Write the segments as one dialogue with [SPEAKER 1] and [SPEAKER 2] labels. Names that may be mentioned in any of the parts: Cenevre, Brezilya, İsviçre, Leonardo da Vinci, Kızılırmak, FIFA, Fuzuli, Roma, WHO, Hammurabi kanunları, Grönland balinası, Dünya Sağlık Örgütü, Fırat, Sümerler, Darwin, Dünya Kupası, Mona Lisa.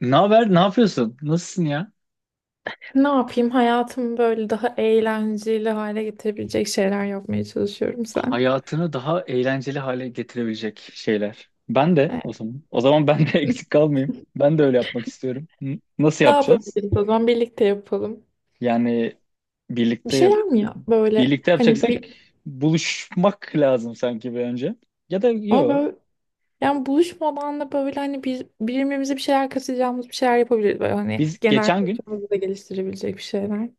[SPEAKER 1] Ne haber? Ne yapıyorsun? Nasılsın ya?
[SPEAKER 2] Ne yapayım? Hayatımı böyle daha eğlenceli hale getirebilecek şeyler yapmaya çalışıyorum sen.
[SPEAKER 1] Hayatını daha eğlenceli hale getirebilecek şeyler. Ben de
[SPEAKER 2] Ee,
[SPEAKER 1] o zaman. O zaman ben de eksik kalmayayım. Ben de öyle yapmak istiyorum. Hı? Nasıl
[SPEAKER 2] Ne
[SPEAKER 1] yapacağız?
[SPEAKER 2] yapabiliriz o zaman? Birlikte yapalım.
[SPEAKER 1] Yani
[SPEAKER 2] Bir
[SPEAKER 1] birlikte yap
[SPEAKER 2] şeyler mi ya? Böyle
[SPEAKER 1] birlikte
[SPEAKER 2] hani
[SPEAKER 1] yapacaksak
[SPEAKER 2] bir
[SPEAKER 1] buluşmak lazım sanki bir önce. Ya da
[SPEAKER 2] ama
[SPEAKER 1] yok.
[SPEAKER 2] böyle Yani buluşmadan da böyle hani bir, birbirimize bir şeyler katacağımız bir şeyler yapabiliriz. Böyle hani
[SPEAKER 1] Biz
[SPEAKER 2] genel
[SPEAKER 1] geçen gün
[SPEAKER 2] kültürümüzü de geliştirebilecek bir şeyler.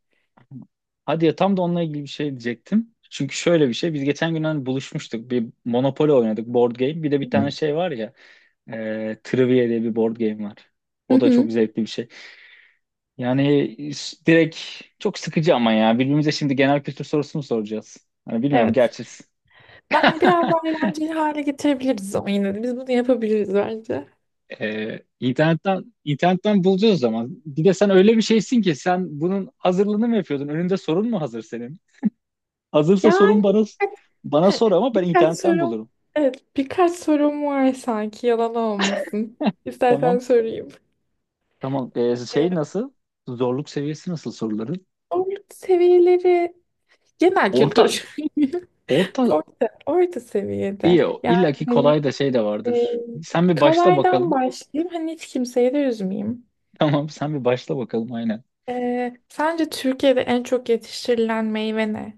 [SPEAKER 1] Hadi ya, tam da onunla ilgili bir şey diyecektim. Çünkü şöyle bir şey. Biz geçen gün hani buluşmuştuk. Bir Monopoly oynadık. Board game. Bir de bir
[SPEAKER 2] Hı
[SPEAKER 1] tane
[SPEAKER 2] hı.
[SPEAKER 1] şey var ya. Trivia diye bir board game var. O
[SPEAKER 2] Hı.
[SPEAKER 1] da çok zevkli bir şey. Yani direkt çok sıkıcı ama ya. Birbirimize şimdi genel kültür sorusunu soracağız. Hani bilmiyorum
[SPEAKER 2] Evet.
[SPEAKER 1] gerçi.
[SPEAKER 2] Ben biraz daha eğlenceli hale getirebiliriz ama yine de biz bunu yapabiliriz bence.
[SPEAKER 1] Internetten bulacağız o zaman. Bir de sen öyle bir şeysin ki sen bunun hazırlığını mı yapıyordun? Önünde sorun mu hazır senin? Hazırsa sorun
[SPEAKER 2] Yani
[SPEAKER 1] bana sor ama ben
[SPEAKER 2] Birkaç
[SPEAKER 1] internetten
[SPEAKER 2] sorum,
[SPEAKER 1] bulurum.
[SPEAKER 2] evet, birkaç sorum var sanki yalan olmasın.
[SPEAKER 1] Tamam.
[SPEAKER 2] İstersen sorayım.
[SPEAKER 1] Tamam.
[SPEAKER 2] Ee,
[SPEAKER 1] Şey nasıl? Zorluk seviyesi nasıl soruların?
[SPEAKER 2] Orta seviyeleri, genel
[SPEAKER 1] Orta.
[SPEAKER 2] kültür.
[SPEAKER 1] Orta.
[SPEAKER 2] Orta, orta seviyede.
[SPEAKER 1] İyi o.
[SPEAKER 2] Yani
[SPEAKER 1] İlla ki
[SPEAKER 2] hani,
[SPEAKER 1] kolay da şey de
[SPEAKER 2] e,
[SPEAKER 1] vardır. Sen bir başla
[SPEAKER 2] Kolaydan
[SPEAKER 1] bakalım.
[SPEAKER 2] başlayayım. Hani hiç kimseyi de üzmeyeyim.
[SPEAKER 1] Tamam sen bir başla bakalım aynen.
[SPEAKER 2] Sence Türkiye'de en çok yetiştirilen meyve ne?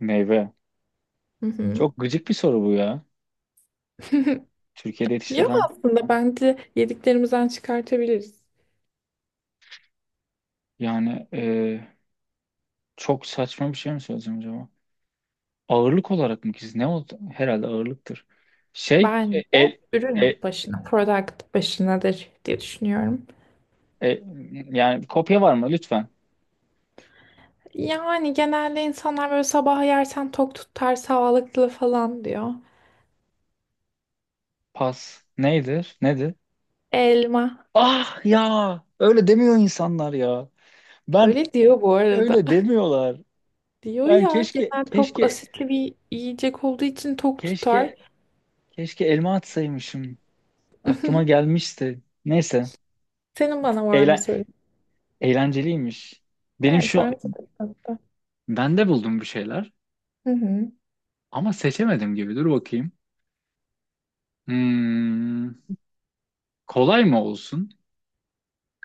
[SPEAKER 1] Meyve.
[SPEAKER 2] Hı hı.
[SPEAKER 1] Çok gıcık bir soru bu ya. Türkiye'de
[SPEAKER 2] Yok,
[SPEAKER 1] yetiştirilen,
[SPEAKER 2] aslında bence yediklerimizden çıkartabiliriz.
[SPEAKER 1] yani çok saçma bir şey mi söyleyeceğim acaba? Ağırlık olarak mı ki? Ne oldu? Herhalde ağırlıktır. Şey e,
[SPEAKER 2] Bence
[SPEAKER 1] el
[SPEAKER 2] ürün
[SPEAKER 1] e,
[SPEAKER 2] başına, product başınadır diye düşünüyorum.
[SPEAKER 1] e, Yani kopya var mı lütfen?
[SPEAKER 2] Yani genelde insanlar böyle sabah yersen tok tutar sağlıklı falan diyor.
[SPEAKER 1] Pas. Neydir? Nedir?
[SPEAKER 2] Elma.
[SPEAKER 1] Ah ya, öyle demiyor insanlar ya. Ben
[SPEAKER 2] Öyle diyor bu arada.
[SPEAKER 1] öyle demiyorlar.
[SPEAKER 2] Diyor
[SPEAKER 1] Ben
[SPEAKER 2] ya,
[SPEAKER 1] keşke
[SPEAKER 2] genel tok
[SPEAKER 1] keşke
[SPEAKER 2] asitli bir yiyecek olduğu için tok tutar.
[SPEAKER 1] keşke Keşke elma atsaymışım. Aklıma gelmişti. Neyse.
[SPEAKER 2] Senin bana var mı
[SPEAKER 1] Eğlen
[SPEAKER 2] sorun?
[SPEAKER 1] Eğlenceliymiş. Benim
[SPEAKER 2] Evet ben
[SPEAKER 1] şu
[SPEAKER 2] de-
[SPEAKER 1] Ben de buldum bir şeyler
[SPEAKER 2] Hı hı.
[SPEAKER 1] ama seçemedim gibi. Dur bakayım. Hmm, Kolay mı olsun?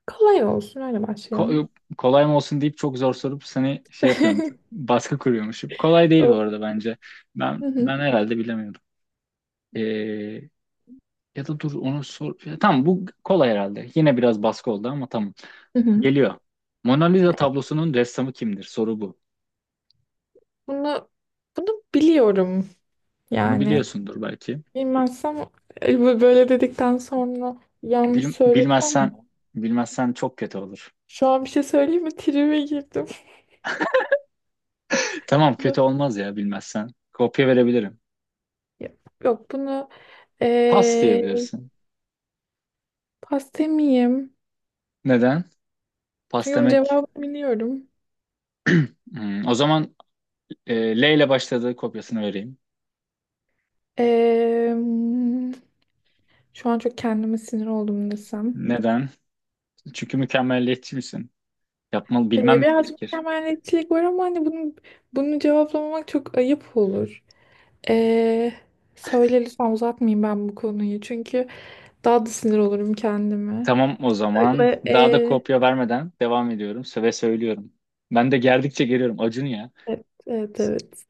[SPEAKER 2] Kolay olsun, öyle başlayalım.
[SPEAKER 1] Ko- kolay mı olsun deyip çok zor sorup seni şey yapıyormuşum. Baskı kuruyormuşum. Kolay değil bu
[SPEAKER 2] O-
[SPEAKER 1] arada bence.
[SPEAKER 2] Hı
[SPEAKER 1] Ben
[SPEAKER 2] hı.
[SPEAKER 1] ben herhalde bilemiyordum. Ee, Ya da dur, onu sor. Ya, tamam, bu kolay herhalde. Yine biraz baskı oldu ama tamam.
[SPEAKER 2] Hı hı.
[SPEAKER 1] Geliyor. Mona Lisa tablosunun ressamı kimdir? Soru bu.
[SPEAKER 2] Bunu bunu biliyorum
[SPEAKER 1] Bunu
[SPEAKER 2] yani.
[SPEAKER 1] biliyorsundur belki.
[SPEAKER 2] Bilmezsem, böyle dedikten sonra yanlış
[SPEAKER 1] Bil-
[SPEAKER 2] söylesem...
[SPEAKER 1] bilmezsen bilmezsen çok kötü olur.
[SPEAKER 2] Şu an bir şey söyleyeyim mi? Tribe girdim.
[SPEAKER 1] Tamam, kötü olmaz ya bilmezsen. Kopya verebilirim.
[SPEAKER 2] Ya- Yok bunu,
[SPEAKER 1] Pas
[SPEAKER 2] eee
[SPEAKER 1] diyebilirsin.
[SPEAKER 2] pas demeyeyim.
[SPEAKER 1] Neden? Pas
[SPEAKER 2] Çünkü bunun
[SPEAKER 1] demek.
[SPEAKER 2] cevabını biliyorum.
[SPEAKER 1] O zaman e, L ile başladığı kopyasını vereyim.
[SPEAKER 2] Eee, şu an çok kendime sinir oldum desem.
[SPEAKER 1] Neden? Çünkü mükemmelliyetçi misin? Yapmalı bilmem mi
[SPEAKER 2] Birazcık
[SPEAKER 1] gerekir?
[SPEAKER 2] mükemmeliyetçilik var ama hani bunu cevaplamamak çok ayıp olur. Eee söyle lütfen, uzatmayayım ben bu konuyu. Çünkü daha da sinir olurum kendime.
[SPEAKER 1] Tamam o zaman.
[SPEAKER 2] Ve,
[SPEAKER 1] Daha da
[SPEAKER 2] eee,
[SPEAKER 1] kopya vermeden devam ediyorum. Söylüyorum. Ben de gerdikçe geliyorum. Acun ya.
[SPEAKER 2] evet, evet, evet.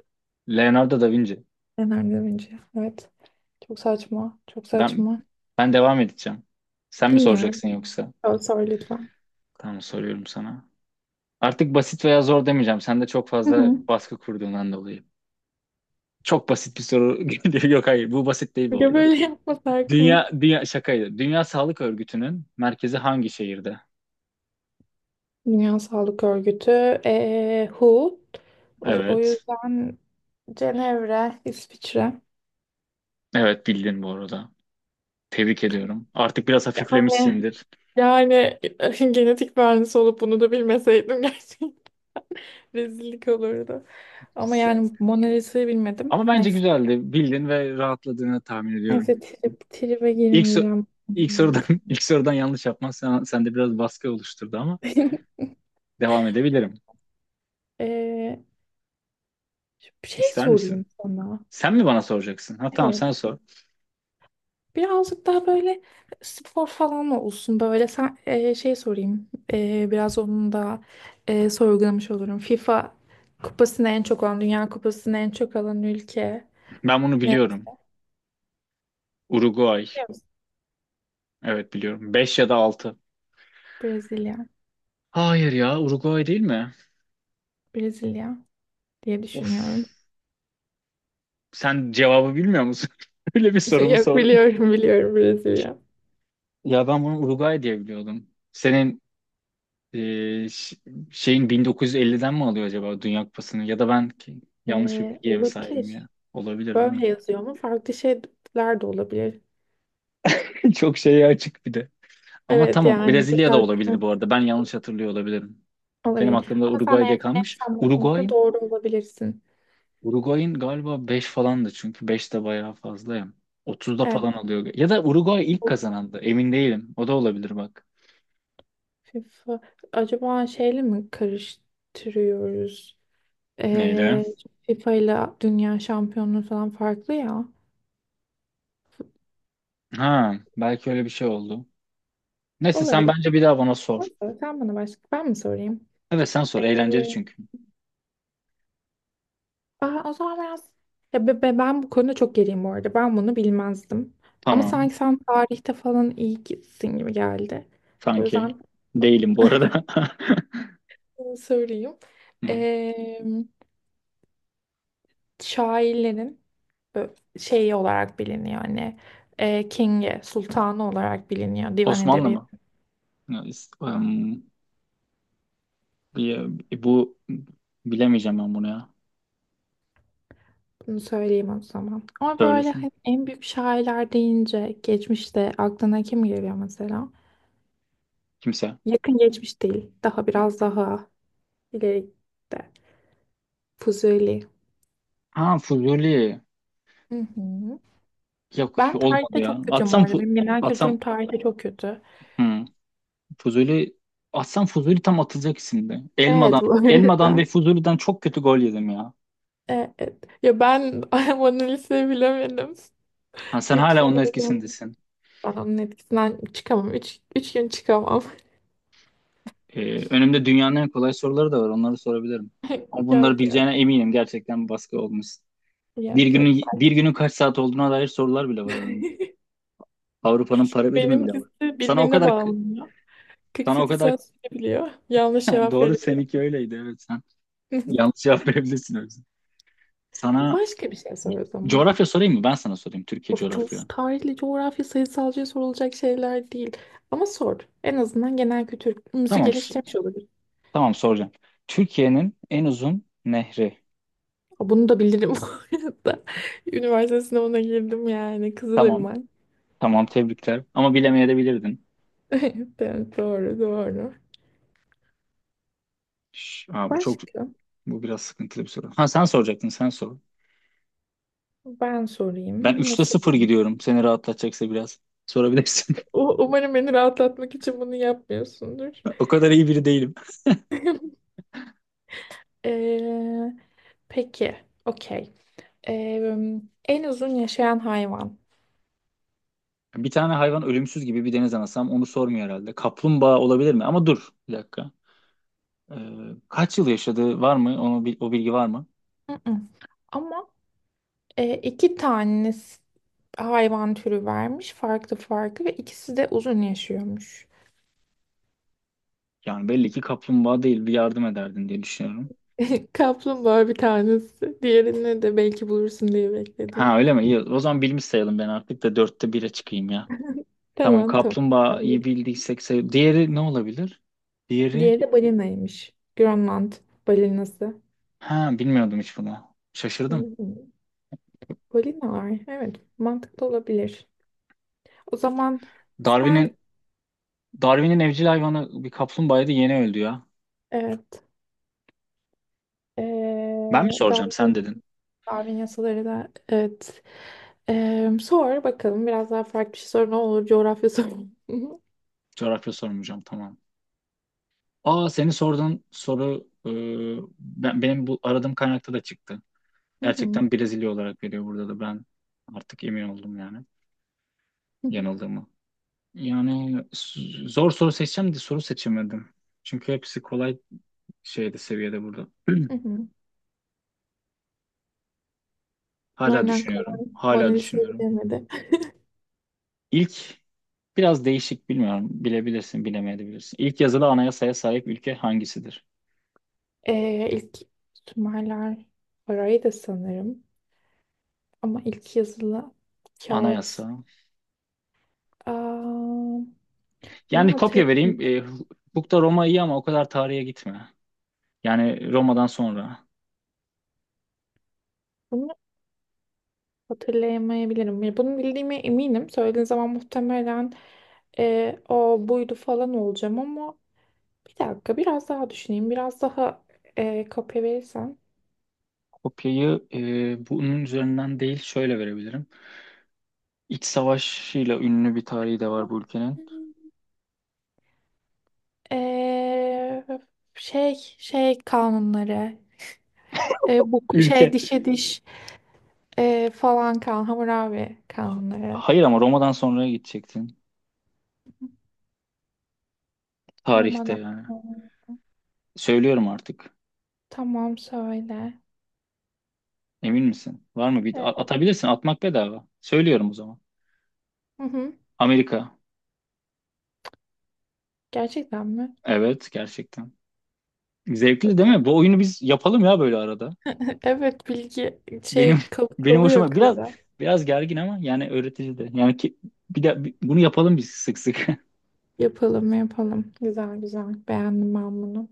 [SPEAKER 1] Leonardo da Vinci.
[SPEAKER 2] Enerjiden önce. Evet. Çok saçma. Çok
[SPEAKER 1] Ben
[SPEAKER 2] saçma.
[SPEAKER 1] ben devam edeceğim. Sen mi
[SPEAKER 2] Dinliyorum.
[SPEAKER 1] soracaksın yoksa?
[SPEAKER 2] Sor, sor lütfen.
[SPEAKER 1] Tamam, soruyorum sana. Artık basit veya zor demeyeceğim. Sen de çok
[SPEAKER 2] Hı
[SPEAKER 1] fazla
[SPEAKER 2] hı.
[SPEAKER 1] baskı kurduğundan dolayı. Çok basit bir soru geliyor. Yok, hayır, bu basit değil bu
[SPEAKER 2] Ya
[SPEAKER 1] arada.
[SPEAKER 2] böyle yapmasak mı?
[SPEAKER 1] Dünya şakaydı. Dünya Sağlık Örgütü'nün merkezi hangi şehirde?
[SPEAKER 2] Dünya Sağlık Örgütü, WHO. O
[SPEAKER 1] Evet.
[SPEAKER 2] yüzden Cenevre, İsviçre.
[SPEAKER 1] Evet, bildin bu arada. Tebrik ediyorum. Artık biraz
[SPEAKER 2] Yani,
[SPEAKER 1] hafiflemişsindir.
[SPEAKER 2] yani genetik mühendisi olup bunu da bilmeseydim gerçekten rezillik olurdu. Ama
[SPEAKER 1] Sen-
[SPEAKER 2] yani Mona Lisa'yı bilmedim.
[SPEAKER 1] Ama bence
[SPEAKER 2] Neyse.
[SPEAKER 1] güzeldi. Bildin ve rahatladığını tahmin ediyorum.
[SPEAKER 2] Neyse, tribe
[SPEAKER 1] İlk, so-
[SPEAKER 2] girmeyeceğim.
[SPEAKER 1] ilk sorudan ilk sorudan yanlış yapman, sen, sende biraz baskı oluşturdu ama
[SPEAKER 2] Yok.
[SPEAKER 1] devam edebilirim.
[SPEAKER 2] Eee, bir şey
[SPEAKER 1] İster
[SPEAKER 2] sorayım
[SPEAKER 1] misin?
[SPEAKER 2] sana.
[SPEAKER 1] Sen mi bana soracaksın? Ha, tamam,
[SPEAKER 2] Evet.
[SPEAKER 1] sen sor.
[SPEAKER 2] Birazcık daha böyle spor falan olsun, böyle sen biraz onun da sorgulamış olurum. FIFA kupasını en çok alan, Dünya Kupası'nı en çok alan ülke
[SPEAKER 1] Ben bunu
[SPEAKER 2] ne,
[SPEAKER 1] biliyorum. Uruguay.
[SPEAKER 2] biliyor musun?
[SPEAKER 1] Evet, biliyorum. 5 ya da 6.
[SPEAKER 2] Brezilya.
[SPEAKER 1] Hayır ya, Uruguay değil mi?
[SPEAKER 2] Brezilya diye düşünüyorum.
[SPEAKER 1] Of. Sen cevabı bilmiyor musun? Öyle bir sorumu
[SPEAKER 2] Yok,
[SPEAKER 1] sordun.
[SPEAKER 2] biliyorum, biliyorum, Brezilya.
[SPEAKER 1] Ya ben bunu Uruguay diye biliyordum. Senin e, ş- şeyin 1950'den mi alıyor acaba Dünya Kupası'nı? Ya da ben yanlış bir
[SPEAKER 2] E,
[SPEAKER 1] bilgiye mi sahibim ya?
[SPEAKER 2] olabilir.
[SPEAKER 1] Olabilir değil mi?
[SPEAKER 2] Böyle yazıyor mu? Farklı şeyler de olabilir.
[SPEAKER 1] Çok şeye açık bir de. Ama
[SPEAKER 2] Evet,
[SPEAKER 1] tamam,
[SPEAKER 2] yani
[SPEAKER 1] Brezilya da
[SPEAKER 2] bakar,
[SPEAKER 1] olabilir bu arada. Ben yanlış hatırlıyor olabilirim. Benim
[SPEAKER 2] olabilir.
[SPEAKER 1] aklımda
[SPEAKER 2] Ama sen
[SPEAKER 1] Uruguay
[SPEAKER 2] eğer
[SPEAKER 1] diye kalmış.
[SPEAKER 2] netsem bu konuda doğru olabilirsin.
[SPEAKER 1] Uruguay'ın galiba 5 falandı çünkü 5 de bayağı fazla ya. 30'da
[SPEAKER 2] Evet.
[SPEAKER 1] falan alıyor. Ya da Uruguay ilk kazanandı. Emin değilim. O da olabilir bak.
[SPEAKER 2] FIFA acaba şeyle mi karıştırıyoruz?
[SPEAKER 1] Neyle?
[SPEAKER 2] Ee, FIFA ile dünya şampiyonluğu falan farklı ya.
[SPEAKER 1] Ha, belki öyle bir şey oldu. Neyse, sen
[SPEAKER 2] Olabilir.
[SPEAKER 1] bence bir daha bana sor.
[SPEAKER 2] Neyse, sen bana başka, ben mi sorayım?
[SPEAKER 1] Evet sen sor.
[SPEAKER 2] Ee,
[SPEAKER 1] Eğlenceli çünkü.
[SPEAKER 2] O zaman biraz, ya ben bu konuda çok geriyim bu arada. Ben bunu bilmezdim. Ama
[SPEAKER 1] Tamam.
[SPEAKER 2] sanki sen tarihte falan iyi gitsin gibi geldi. O
[SPEAKER 1] Sanki.
[SPEAKER 2] yüzden
[SPEAKER 1] Değilim bu arada.
[SPEAKER 2] sorayım.
[SPEAKER 1] Hı hı.
[SPEAKER 2] Şairlerin e, şeyi olarak biliniyor. Hani King'i, sultanı olarak biliniyor, divan
[SPEAKER 1] Osmanlı mı?
[SPEAKER 2] edebiyatı.
[SPEAKER 1] Ya, is- em, bir- bu bilemeyeceğim ben bunu ya.
[SPEAKER 2] Bunu söyleyeyim o zaman. Ama böyle
[SPEAKER 1] Söylesin
[SPEAKER 2] hani en büyük şairler deyince geçmişte aklına kim geliyor mesela?
[SPEAKER 1] kimse.
[SPEAKER 2] Yakın geçmiş değil. Daha biraz daha ileride. Fuzuli.
[SPEAKER 1] Ha, Fuzuli.
[SPEAKER 2] Hı hı.
[SPEAKER 1] Yok,
[SPEAKER 2] Ben
[SPEAKER 1] olmadı
[SPEAKER 2] tarihte
[SPEAKER 1] ya.
[SPEAKER 2] çok kötüyüm bu
[SPEAKER 1] Atsam
[SPEAKER 2] arada.
[SPEAKER 1] fu-
[SPEAKER 2] Benim genel kültürüm
[SPEAKER 1] atsam
[SPEAKER 2] tarihte çok kötü.
[SPEAKER 1] Hı. Fuzuli Fuzuli tam atılacak isimdi.
[SPEAKER 2] Evet
[SPEAKER 1] Elmadan,
[SPEAKER 2] bu
[SPEAKER 1] Elmadan ve
[SPEAKER 2] arada.
[SPEAKER 1] Fuzuli'den çok kötü gol yedim ya.
[SPEAKER 2] Evet. Ya, ben Mona Lisa'yı bilemedim.
[SPEAKER 1] Ha, sen hala
[SPEAKER 2] Lütfen.
[SPEAKER 1] onun etkisindesin.
[SPEAKER 2] Ben onun etkisinden çıkamam. Üç gün çıkamam.
[SPEAKER 1] Önümde dünyanın en kolay soruları da var. Onları sorabilirim. Ama bunları
[SPEAKER 2] Yok yok.
[SPEAKER 1] bileceğine eminim. Gerçekten bir baskı olmuş. Bir
[SPEAKER 2] Yok yok.
[SPEAKER 1] günün, bir günün kaç saat olduğuna dair sorular bile var önümde. Avrupa'nın para birimi bile var.
[SPEAKER 2] Benimkisi
[SPEAKER 1] Sana o
[SPEAKER 2] birbirine
[SPEAKER 1] kadar k-
[SPEAKER 2] bağlanıyor.
[SPEAKER 1] sana o
[SPEAKER 2] 48
[SPEAKER 1] kadar
[SPEAKER 2] saat sürebiliyor. Yanlış cevap
[SPEAKER 1] Doğru,
[SPEAKER 2] verebilirim.
[SPEAKER 1] seninki öyleydi. Evet sen yanlış cevap verebilirsin o yüzden. Sana
[SPEAKER 2] Başka bir şey sor o zaman.
[SPEAKER 1] coğrafya sorayım mı? Ben sana sorayım. Türkiye
[SPEAKER 2] Of, çok
[SPEAKER 1] coğrafya.
[SPEAKER 2] tarihli, coğrafya, sayısalcıya sorulacak şeyler değil. Ama sor. En azından genel kültürümüzü
[SPEAKER 1] Tamam.
[SPEAKER 2] geliştirmiş olabilir.
[SPEAKER 1] Tamam, soracağım. Türkiye'nin en uzun nehri.
[SPEAKER 2] Aa, bunu da bilirim bu arada. Üniversite sınavına girdim yani.
[SPEAKER 1] Tamam.
[SPEAKER 2] Kızılırmak.
[SPEAKER 1] Tamam, tebrikler. Ama bilemeyebilirdin.
[SPEAKER 2] Evet, doğru doğru.
[SPEAKER 1] Aa,
[SPEAKER 2] Başka?
[SPEAKER 1] bu biraz sıkıntılı bir soru. Ha, sen soracaktın, sen sor.
[SPEAKER 2] Ben
[SPEAKER 1] Ben
[SPEAKER 2] sorayım. Ne
[SPEAKER 1] üçte sıfır
[SPEAKER 2] sorayım?
[SPEAKER 1] gidiyorum. Seni rahatlatacaksa biraz. Sorabilirsin.
[SPEAKER 2] Umarım beni rahatlatmak için bunu yapmıyorsundur.
[SPEAKER 1] O kadar iyi biri değilim.
[SPEAKER 2] Ee, peki. Okey. Ee, en uzun yaşayan hayvan.
[SPEAKER 1] Bir tane hayvan ölümsüz gibi, bir deniz anası, onu sormuyor herhalde. Kaplumbağa olabilir mi? Ama dur bir dakika. Ee, Kaç yıl yaşadığı var mı? Onu, o bilgi var mı?
[SPEAKER 2] Mm-mm. Ama e, iki tane s- hayvan türü vermiş. Farklı farklı, ve ikisi de uzun yaşıyormuş.
[SPEAKER 1] Yani belli ki kaplumbağa değil, bir yardım ederdin diye düşünüyorum.
[SPEAKER 2] Kaplumbağa bir tanesi. Diğerini de belki bulursun diye bekledim.
[SPEAKER 1] Ha öyle mi? İyi. O zaman bilmiş sayalım, ben artık da dörtte bire çıkayım ya. Tamam,
[SPEAKER 2] Tamam tamam. Ben
[SPEAKER 1] kaplumbağayı
[SPEAKER 2] bil-
[SPEAKER 1] bildiysek diğeri ne olabilir? Diğeri
[SPEAKER 2] Diğeri de balinaymış. Grönland balinası.
[SPEAKER 1] ha, bilmiyordum hiç bunu.
[SPEAKER 2] Hı
[SPEAKER 1] Şaşırdım.
[SPEAKER 2] hı. Balinalar. Evet, mantıklı olabilir. O zaman sen,
[SPEAKER 1] Darwin'in Darwin'in evcil hayvanı bir kaplumbağaydı, yeni öldü ya.
[SPEAKER 2] evet, e,
[SPEAKER 1] Ben mi soracağım,
[SPEAKER 2] Darwin,
[SPEAKER 1] sen dedin.
[SPEAKER 2] Darwin yasaları da, evet. E, sor bakalım, biraz daha farklı bir şey sor ne olur, coğrafya sor.
[SPEAKER 1] Coğrafya sormayacağım, tamam. Aa, senin sorduğun soru, benim bu aradığım kaynakta da çıktı.
[SPEAKER 2] Hı hı,
[SPEAKER 1] Gerçekten Brezilya olarak veriyor burada da, ben artık emin oldum yani
[SPEAKER 2] hı hı,
[SPEAKER 1] yanıldığımı. Yani zor soru seçeceğim de soru seçemedim. Çünkü hepsi kolay şeyde, seviyede burada.
[SPEAKER 2] hı hı.
[SPEAKER 1] Hala
[SPEAKER 2] Aynen
[SPEAKER 1] düşünüyorum.
[SPEAKER 2] kolay. Mona
[SPEAKER 1] Hala
[SPEAKER 2] Lisa'yı
[SPEAKER 1] düşünüyorum.
[SPEAKER 2] bilemedi.
[SPEAKER 1] İlk Biraz değişik, bilmiyorum. Bilebilirsin, bilemeyebilirsin. İlk yazılı anayasaya sahip ülke hangisidir?
[SPEAKER 2] E, ilk Sümerler, parayı da sanırım, ama ilk yazılı kağıt.
[SPEAKER 1] Anayasa.
[SPEAKER 2] Aa, bunu
[SPEAKER 1] Yani kopya vereyim.
[SPEAKER 2] hatırlamıyorum.
[SPEAKER 1] Hukukta Roma iyi ama o kadar tarihe gitme. Yani Roma'dan sonra.
[SPEAKER 2] Hatırlayamayabilirim. Ya, bunu bildiğime eminim. Söylediğin zaman muhtemelen o buydu falan olacağım, ama bir dakika biraz daha düşüneyim. Biraz daha kopya verirsen.
[SPEAKER 1] Kopyayı bunun üzerinden değil, şöyle verebilirim. İç savaşıyla ünlü bir tarihi de var bu ülkenin.
[SPEAKER 2] E, şey kanunları. Bu şey,
[SPEAKER 1] Ülke.
[SPEAKER 2] dişe diş, e, falan kan Hammurabi kanunları.
[SPEAKER 1] Hayır, ama Roma'dan sonraya gidecektin. Tarihte
[SPEAKER 2] Roma'dan.
[SPEAKER 1] yani. Söylüyorum artık.
[SPEAKER 2] Tamam, söyle.
[SPEAKER 1] Emin misin? Var mı? Bir
[SPEAKER 2] E,
[SPEAKER 1] atabilirsin. Atmak bedava. Söylüyorum o zaman.
[SPEAKER 2] hı hı.
[SPEAKER 1] Amerika.
[SPEAKER 2] Gerçekten mi?
[SPEAKER 1] Evet, gerçekten. Zevkli değil
[SPEAKER 2] Okey.
[SPEAKER 1] mi? Bu oyunu biz yapalım ya böyle arada.
[SPEAKER 2] Evet bilgi
[SPEAKER 1] Benim
[SPEAKER 2] şey
[SPEAKER 1] benim
[SPEAKER 2] kalıyor
[SPEAKER 1] hoşuma biraz
[SPEAKER 2] akılda.
[SPEAKER 1] biraz gergin ama yani öğretici de. Yani ki, bir de bunu yapalım biz sık sık.
[SPEAKER 2] Yapalım yapalım. Güzel güzel. Beğendim ben bunu.